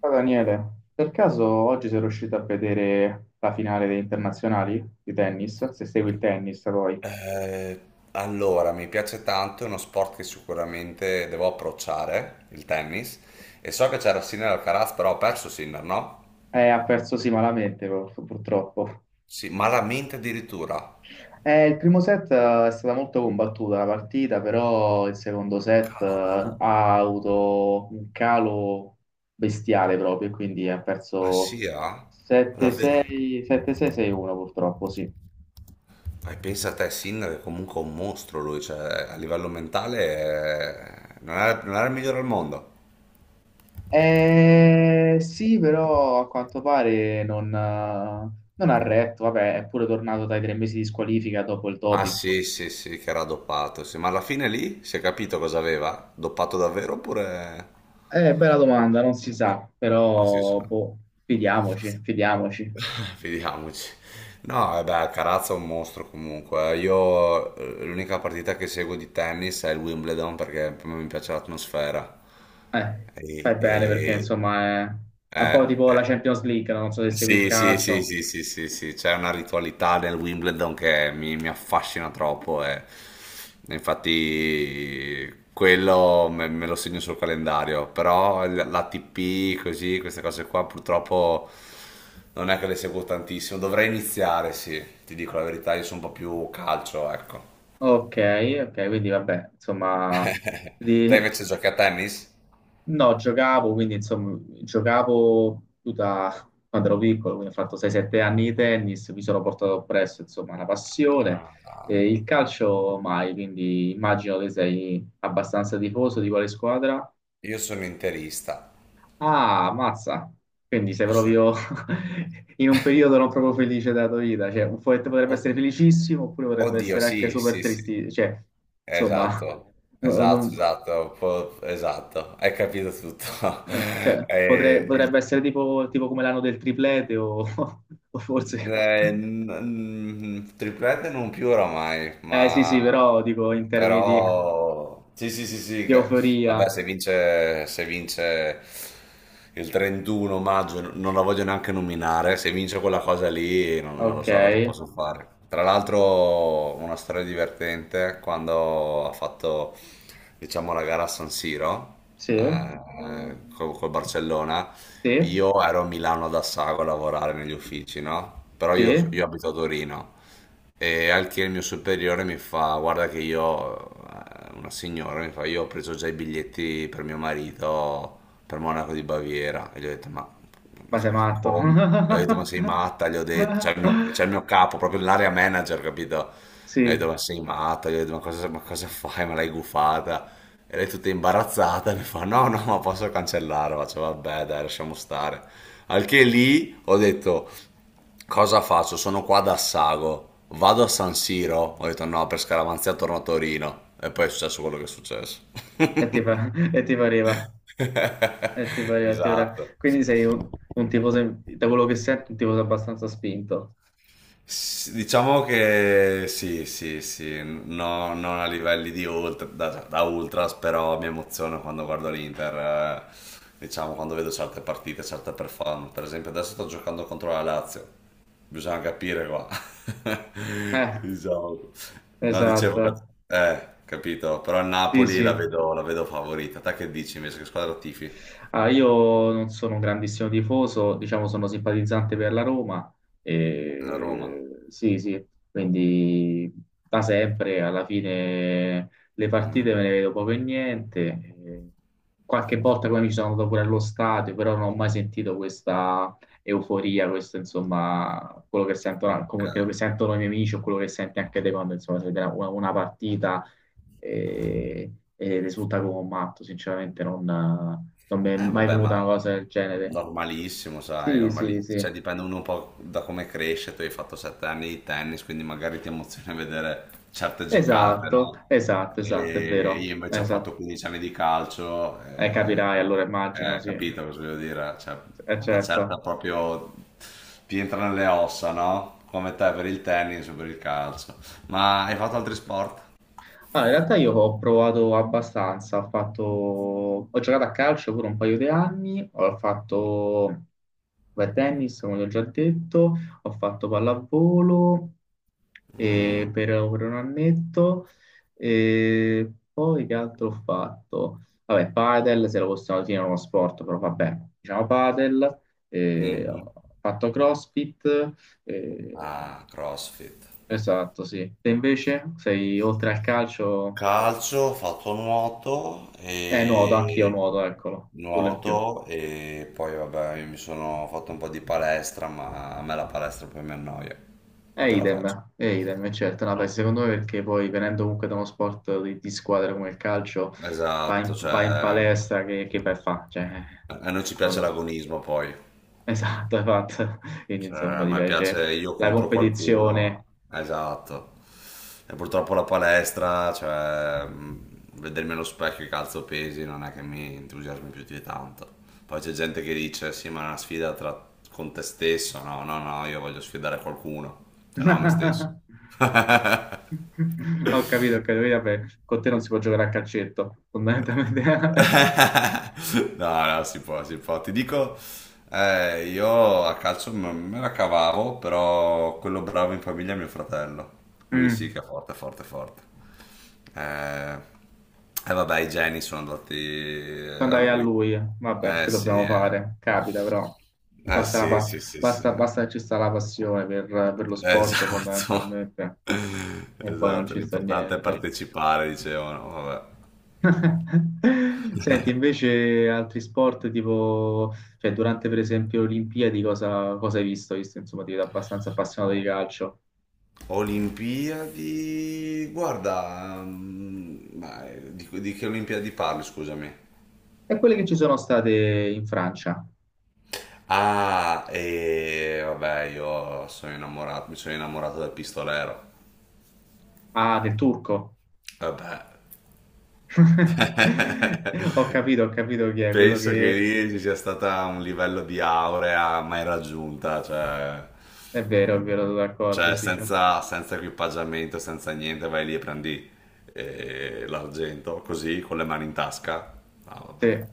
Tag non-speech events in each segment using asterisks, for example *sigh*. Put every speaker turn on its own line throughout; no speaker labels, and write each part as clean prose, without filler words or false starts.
Ciao Daniele, per caso oggi sei riuscito a vedere la finale dei internazionali di tennis? Se segui il tennis poi.
Eh, allora, mi piace tanto, è uno sport che sicuramente devo approcciare, il tennis. E so che c'era Sinner Alcaraz, però ho perso Sinner, no?
Ha perso sì malamente purtroppo.
Sì, malamente addirittura.
Il primo set è stata molto combattuta la partita, però il secondo set
Cavolo.
ha avuto un calo bestiale proprio, e quindi ha
Ah sì,
perso
ah? Davvero?
7-6, 7-6, 6-1 purtroppo, sì.
Pensa a te, Sinner è comunque un mostro lui, cioè a livello mentale non era il migliore al mondo.
Sì, però a quanto pare non ha retto. Vabbè, è pure tornato dai 3 mesi di squalifica dopo il
Ah
doping.
sì, sì, sì, che era doppato, sì. Ma alla fine lì si è capito cosa aveva? Doppato davvero oppure.
Bella domanda, non si sa,
Non si sa.
però boh, fidiamoci, fidiamoci.
*laughs* Vediamoci. No, vabbè, Carazza è un mostro comunque. Io l'unica partita che seguo di tennis è il Wimbledon perché mi piace l'atmosfera.
Eh, fai
E,
bene perché
e-
insomma è un po'
eh,
tipo la
eh.
Champions League, no? Non so se segui il
Sì, sì, sì,
calcio.
sì, sì, sì, sì, c'è una ritualità nel Wimbledon che mi affascina troppo e infatti quello me lo segno sul calendario, però l'ATP così, queste cose qua purtroppo non è che le seguo tantissimo, dovrei iniziare, sì, ti dico la verità, io sono un po' più calcio, ecco.
Ok, ok, quindi vabbè, insomma,
*laughs*
di-
Te invece
*laughs*
giochi a tennis?
No, giocavo, quindi insomma, quando ero piccolo, quindi ho fatto 6-7 anni di tennis, mi sono portato presso, insomma, una passione.
Ah,
E il calcio mai, quindi immagino che sei abbastanza tifoso di quale squadra?
io sono interista.
Ah, mazza! Quindi sei
Io sono-
proprio *laughs* in un periodo non proprio felice della tua vita, cioè un po' potrebbe essere
od-
felicissimo oppure potrebbe
Oddio,
essere anche
sì,
super
sì, sì.
tristi, cioè, insomma,
Esatto,
*laughs* no-
esatto,
non,
esatto, un po' esatto, hai capito tutto. *laughs*
Cioè,
Eh,
potrebbe
il-
essere tipo, tipo come l'anno del triplete o, *laughs* o forse...
triplette non più oramai,
Eh sì,
ma
sì, però dico in termini di,
però sì, sì, sì, sì.
di
Vabbè,
euforia.
se vince il 31 maggio, non la voglio neanche nominare. Se vince quella cosa lì, non lo
Ok,
so cosa posso fare. Tra l'altro, una storia divertente quando ha fatto, diciamo, la gara a San Siro
sì,
eh, col Barcellona.
sì,
Io ero a Milano ad Assago a lavorare negli uffici, no? Però io,
sì,
io abito a Torino. E al che il mio superiore mi fa, guarda che una signora mi fa, io ho preso già i biglietti per mio marito per Monaco di Baviera. E gli ho detto, ma,
ma sei
ma
matto. *laughs*
come? Gli ho detto, ma sei matta? Gli ho detto, c'è il mio capo, proprio l'area manager, capito? E gli ho
Sì,
detto, ma sei matta? Gli ho detto, ma cosa fai? Me l'hai gufata? E lei tutta imbarazzata mi fa, no, no, ma posso cancellare? Faccio, vabbè, dai, lasciamo stare. Al che lì ho detto. Cosa faccio? Sono qua da Sago. Vado a San Siro? Ho detto no, per scaramanzia torno a Torino. E poi è successo quello che è successo.
e ti,
*laughs*
e ti pareva, ti pareva.
Esatto.
Quindi sei un tifoso, da quello che sento, un tifoso abbastanza spinto.
Diciamo che sì, sì, sì, non a livelli di ultra, da ultras, però mi emoziono quando guardo l'Inter, diciamo quando vedo certe partite, certe performance. Per esempio adesso sto giocando contro la Lazio. Bisogna capire qua. *laughs*
Eh,
Diciamo. No, dicevo che.
esatto.
Capito. Però il
Sì,
Napoli
sì.
la vedo favorita. Te che dici invece? Che squadra tifi?
Ah, io non sono un grandissimo tifoso, diciamo sono simpatizzante per la Roma.
La Roma.
Sì, sì, quindi da sempre alla fine le partite
Mm,
me ne vedo poco e niente. E qualche volta poi mi sono andato pure allo stadio, però non ho mai sentito questa euforia, questo insomma, quello che sentono,
ok.
quello che sentono i miei amici o quello che senti anche te quando insomma si vede una partita e, e risulta come un matto, sinceramente non mi è
Eh
mai
vabbè,
venuta una
ma
cosa del genere.
normalissimo, sai,
Sì, sì, sì,
cioè dipende uno un po' da come cresce, tu hai fatto 7 anni di tennis, quindi magari ti emoziona vedere certe giocate,
esatto,
no?
esatto, esatto, è
E
vero,
io invece ho fatto
esatto.
15 anni di calcio,
Capirai, allora immagino, sì.
capito cosa voglio dire? Cioè, una certa
Certo.
proprio ti entra nelle ossa, no? Come te per il tennis o per il calcio. Ma hai fatto altri sport?
Ah, in realtà io ho provato abbastanza, ho fatto... ho giocato a calcio pure un paio di anni, ho fatto beh, tennis, come ti ho già detto, ho fatto pallavolo e
Mm,
per un annetto e poi che altro ho fatto? Vabbè, padel, se lo possiamo definire uno sport, però vabbè, diciamo padel, e
mhm.
ho fatto CrossFit, e-
Ah, CrossFit.
esatto, sì. Te invece sei oltre al calcio...
Calcio, ho fatto nuoto
Nuoto, anch'io
e
nuoto, eccolo, quello in più.
nuoto e poi vabbè, io mi sono fatto un po' di palestra, ma a me la palestra poi mi annoia,
E
non ce la
idem,
faccio.
e idem, e certo. No, beh,
No.
secondo me perché poi venendo comunque da uno sport di squadra come il calcio, vai
Esatto,
in, vai in
cioè
palestra, che vai a fa? Cioè,
a noi ci
no,
piace
no,
l'agonismo poi.
*laughs* esatto, esatto. Quindi
Cioè,
insomma
a
ti
me
piace
piace io
la
contro qualcuno,
competizione.
esatto. E purtroppo la palestra, cioè, vedermi allo specchio e calzo pesi non è che mi entusiasmi più di tanto. Poi c'è gente che dice, sì, ma è una sfida con te stesso. No, no, no, io voglio sfidare qualcuno, se no me stesso.
*laughs*
*laughs*
Ho capito, quindi, vabbè, con te non si può giocare a calcetto, fondamentalmente.
*laughs* No, no, si può, si può. Ti dico, io a calcio me la cavavo, però quello bravo in famiglia è mio fratello.
*laughs*
Lui
Mm.
sì che è forte, forte, forte. Eh, e vabbè, i geni sono andati a
Andai a
lui.
lui, vabbè,
Eh
che
sì,
dobbiamo
eh.
fare? Capita, però
Eh
basta,
sì, sì, sì, sì.
basta, basta che ci sta la passione per lo sport
Esatto. *laughs*
fondamentalmente e poi non
Esatto,
ci sta
l'importante è
niente.
partecipare, dicevano. Vabbè.
*laughs* Senti,
*laughs*
invece altri sport tipo, cioè durante per esempio le Olimpiadi, cosa hai visto? Hai visto, insomma, ti vedo abbastanza appassionato di calcio.
Olimpiadi, guarda, ma di che Olimpiadi parli, scusami?
E quelle che ci sono state in Francia?
Ah, e vabbè, io sono innamorato, mi sono innamorato del pistolero.
Ah, del turco.
Vabbè,
*laughs*
*laughs*
Ho capito chi è quello
penso che
che
lì ci sia stata un livello di aurea mai raggiunta, cioè,
è vero, è
mm,
vero, sono d'accordo,
cioè
si dice.
senza equipaggiamento, senza niente, vai lì e prendi l'argento, così, con le mani in tasca. Ah, vabbè.
Sì.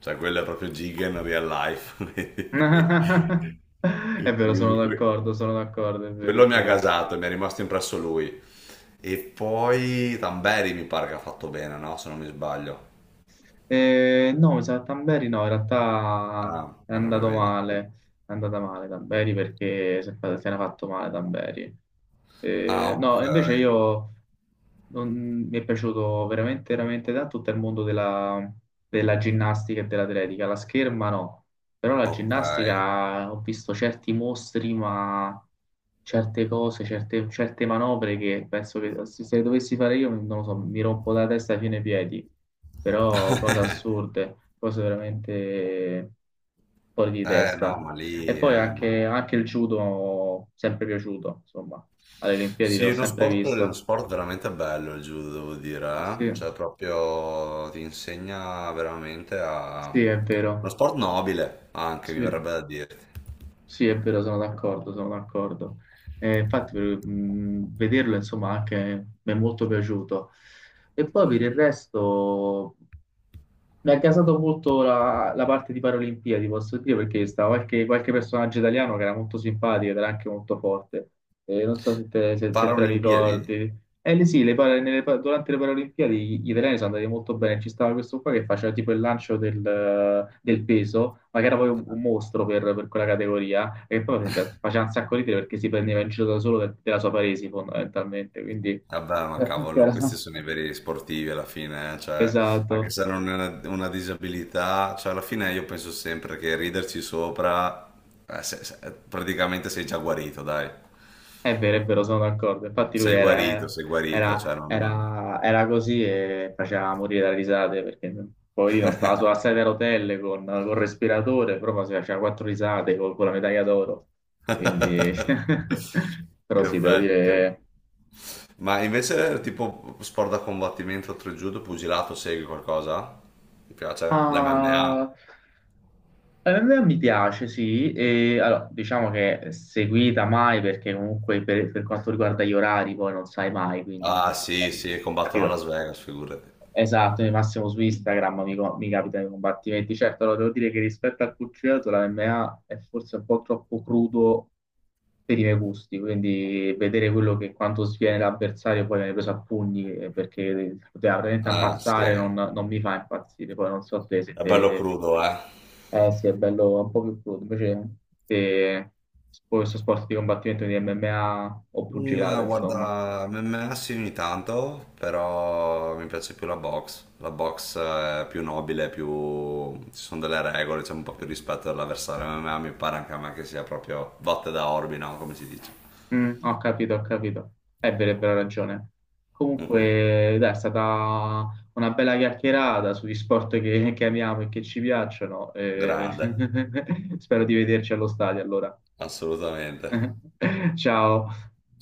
Cioè, quello è proprio Gigan real life.
*laughs*
*laughs* E
È vero,
quindi
sono d'accordo, è vero, è
quello mi ha
vero.
gasato, mi è rimasto impresso lui. E poi Tamberi mi pare che ha fatto bene, no? Se non mi sbaglio.
No, mi sa che Tamberi no, in realtà
Ah,
è
allora
andato
vedi.
male, è andata male Tamberi perché se ne è fatto male Tamberi.
Ah,
No,
ok.
invece io non- mi è piaciuto veramente, veramente tanto tutto il mondo della, della ginnastica e dell'atletica. La scherma no, però la
Ok.
ginnastica ho visto certi mostri, ma certe cose, certe manovre che penso che se le dovessi fare io, non lo so, mi rompo la testa fino ai piedi però cose assurde, cose veramente fuori di
Eh no, ma
testa. E
lì
poi
eh, ma...
anche, anche il judo, sempre piaciuto, insomma, alle Olimpiadi
Sì,
l'ho
uno
sempre
sport, uno
visto.
sport veramente bello il judo, devo dire, eh.
Sì,
Cioè proprio ti insegna veramente a.
sì, è
Uno
vero,
sport nobile, anche mi
sì,
verrebbe da dirti.
sì, è vero, sono d'accordo, sono d'accordo. Infatti, vederlo, insomma, anche mi è molto piaciuto. E poi per il resto. Mi ha gasato molto la parte di Paralimpiadi, posso dire, perché stava qualche personaggio italiano che era molto simpatico ed era anche molto forte. Non so se te, se te la
Paralimpiadi?
ricordi. Sì, le para- nelle pa- durante le Paralimpiadi gli italiani sono andati molto bene. Ci stava questo qua che faceva tipo il lancio del peso, ma che era poi un mostro per quella categoria, e poi faceva, faceva un sacco ridere perché si prendeva in giro da solo della sua paresi, fondamentalmente. Quindi,
Vabbè, ma
*laughs* che
cavolo,
era-
questi sono i veri sportivi alla fine, cioè, anche
Esatto.
se non è una disabilità, cioè, alla fine io penso sempre che riderci sopra, praticamente sei già guarito, dai.
È vero, sono d'accordo. Infatti lui era,
Sei guarito, cioè, non.
era così e faceva morire da risate perché poverino stava sulla sedia a rotelle con, col respiratore, proprio si faceva quattro risate con la medaglia d'oro. Quindi,
*laughs*
*laughs* però
Che
sì, devo
bello, che.
dire...
Ma invece, tipo, sport da combattimento, oltre judo, pugilato, segui qualcosa? Ti piace?
Ah,
L'MMA?
a me mi piace, sì. E, allora, diciamo che seguita mai perché comunque per quanto riguarda gli orari poi non sai mai, quindi...
Ah,
cioè,
sì, sì, combattono a
capito?
Las Vegas, figurati.
Esatto, io massimo su Instagram mi capita i combattimenti. Certo, allora devo dire che rispetto al pugilato la MMA è forse un po' troppo crudo per i miei gusti, quindi vedere quello che quanto sviene l'avversario poi viene preso a pugni perché poteva veramente
Ah, sì,
ammazzare
è
non mi fa impazzire. Poi non so te se
bello
te...
crudo, eh.
Eh sì, è bello è un po' più crudo. Invece te, questo sport di combattimento di MMA o
Mm,
pugilato, insomma.
guarda, MMS ogni tanto, però mi piace più la box. La box è più nobile. Ci sono delle regole, c'è un po' più rispetto dell'avversario. MMA mi pare anche a me che sia proprio botte da orbi, no? Come si dice.
Mm, ho capito, ho capito. È vero, hai ragione. Comunque, dai, è stata una bella chiacchierata sugli sport che amiamo e che ci piacciono, e
Grande,
*laughs* spero di vederci allo stadio allora.
assolutamente.
*laughs* Ciao.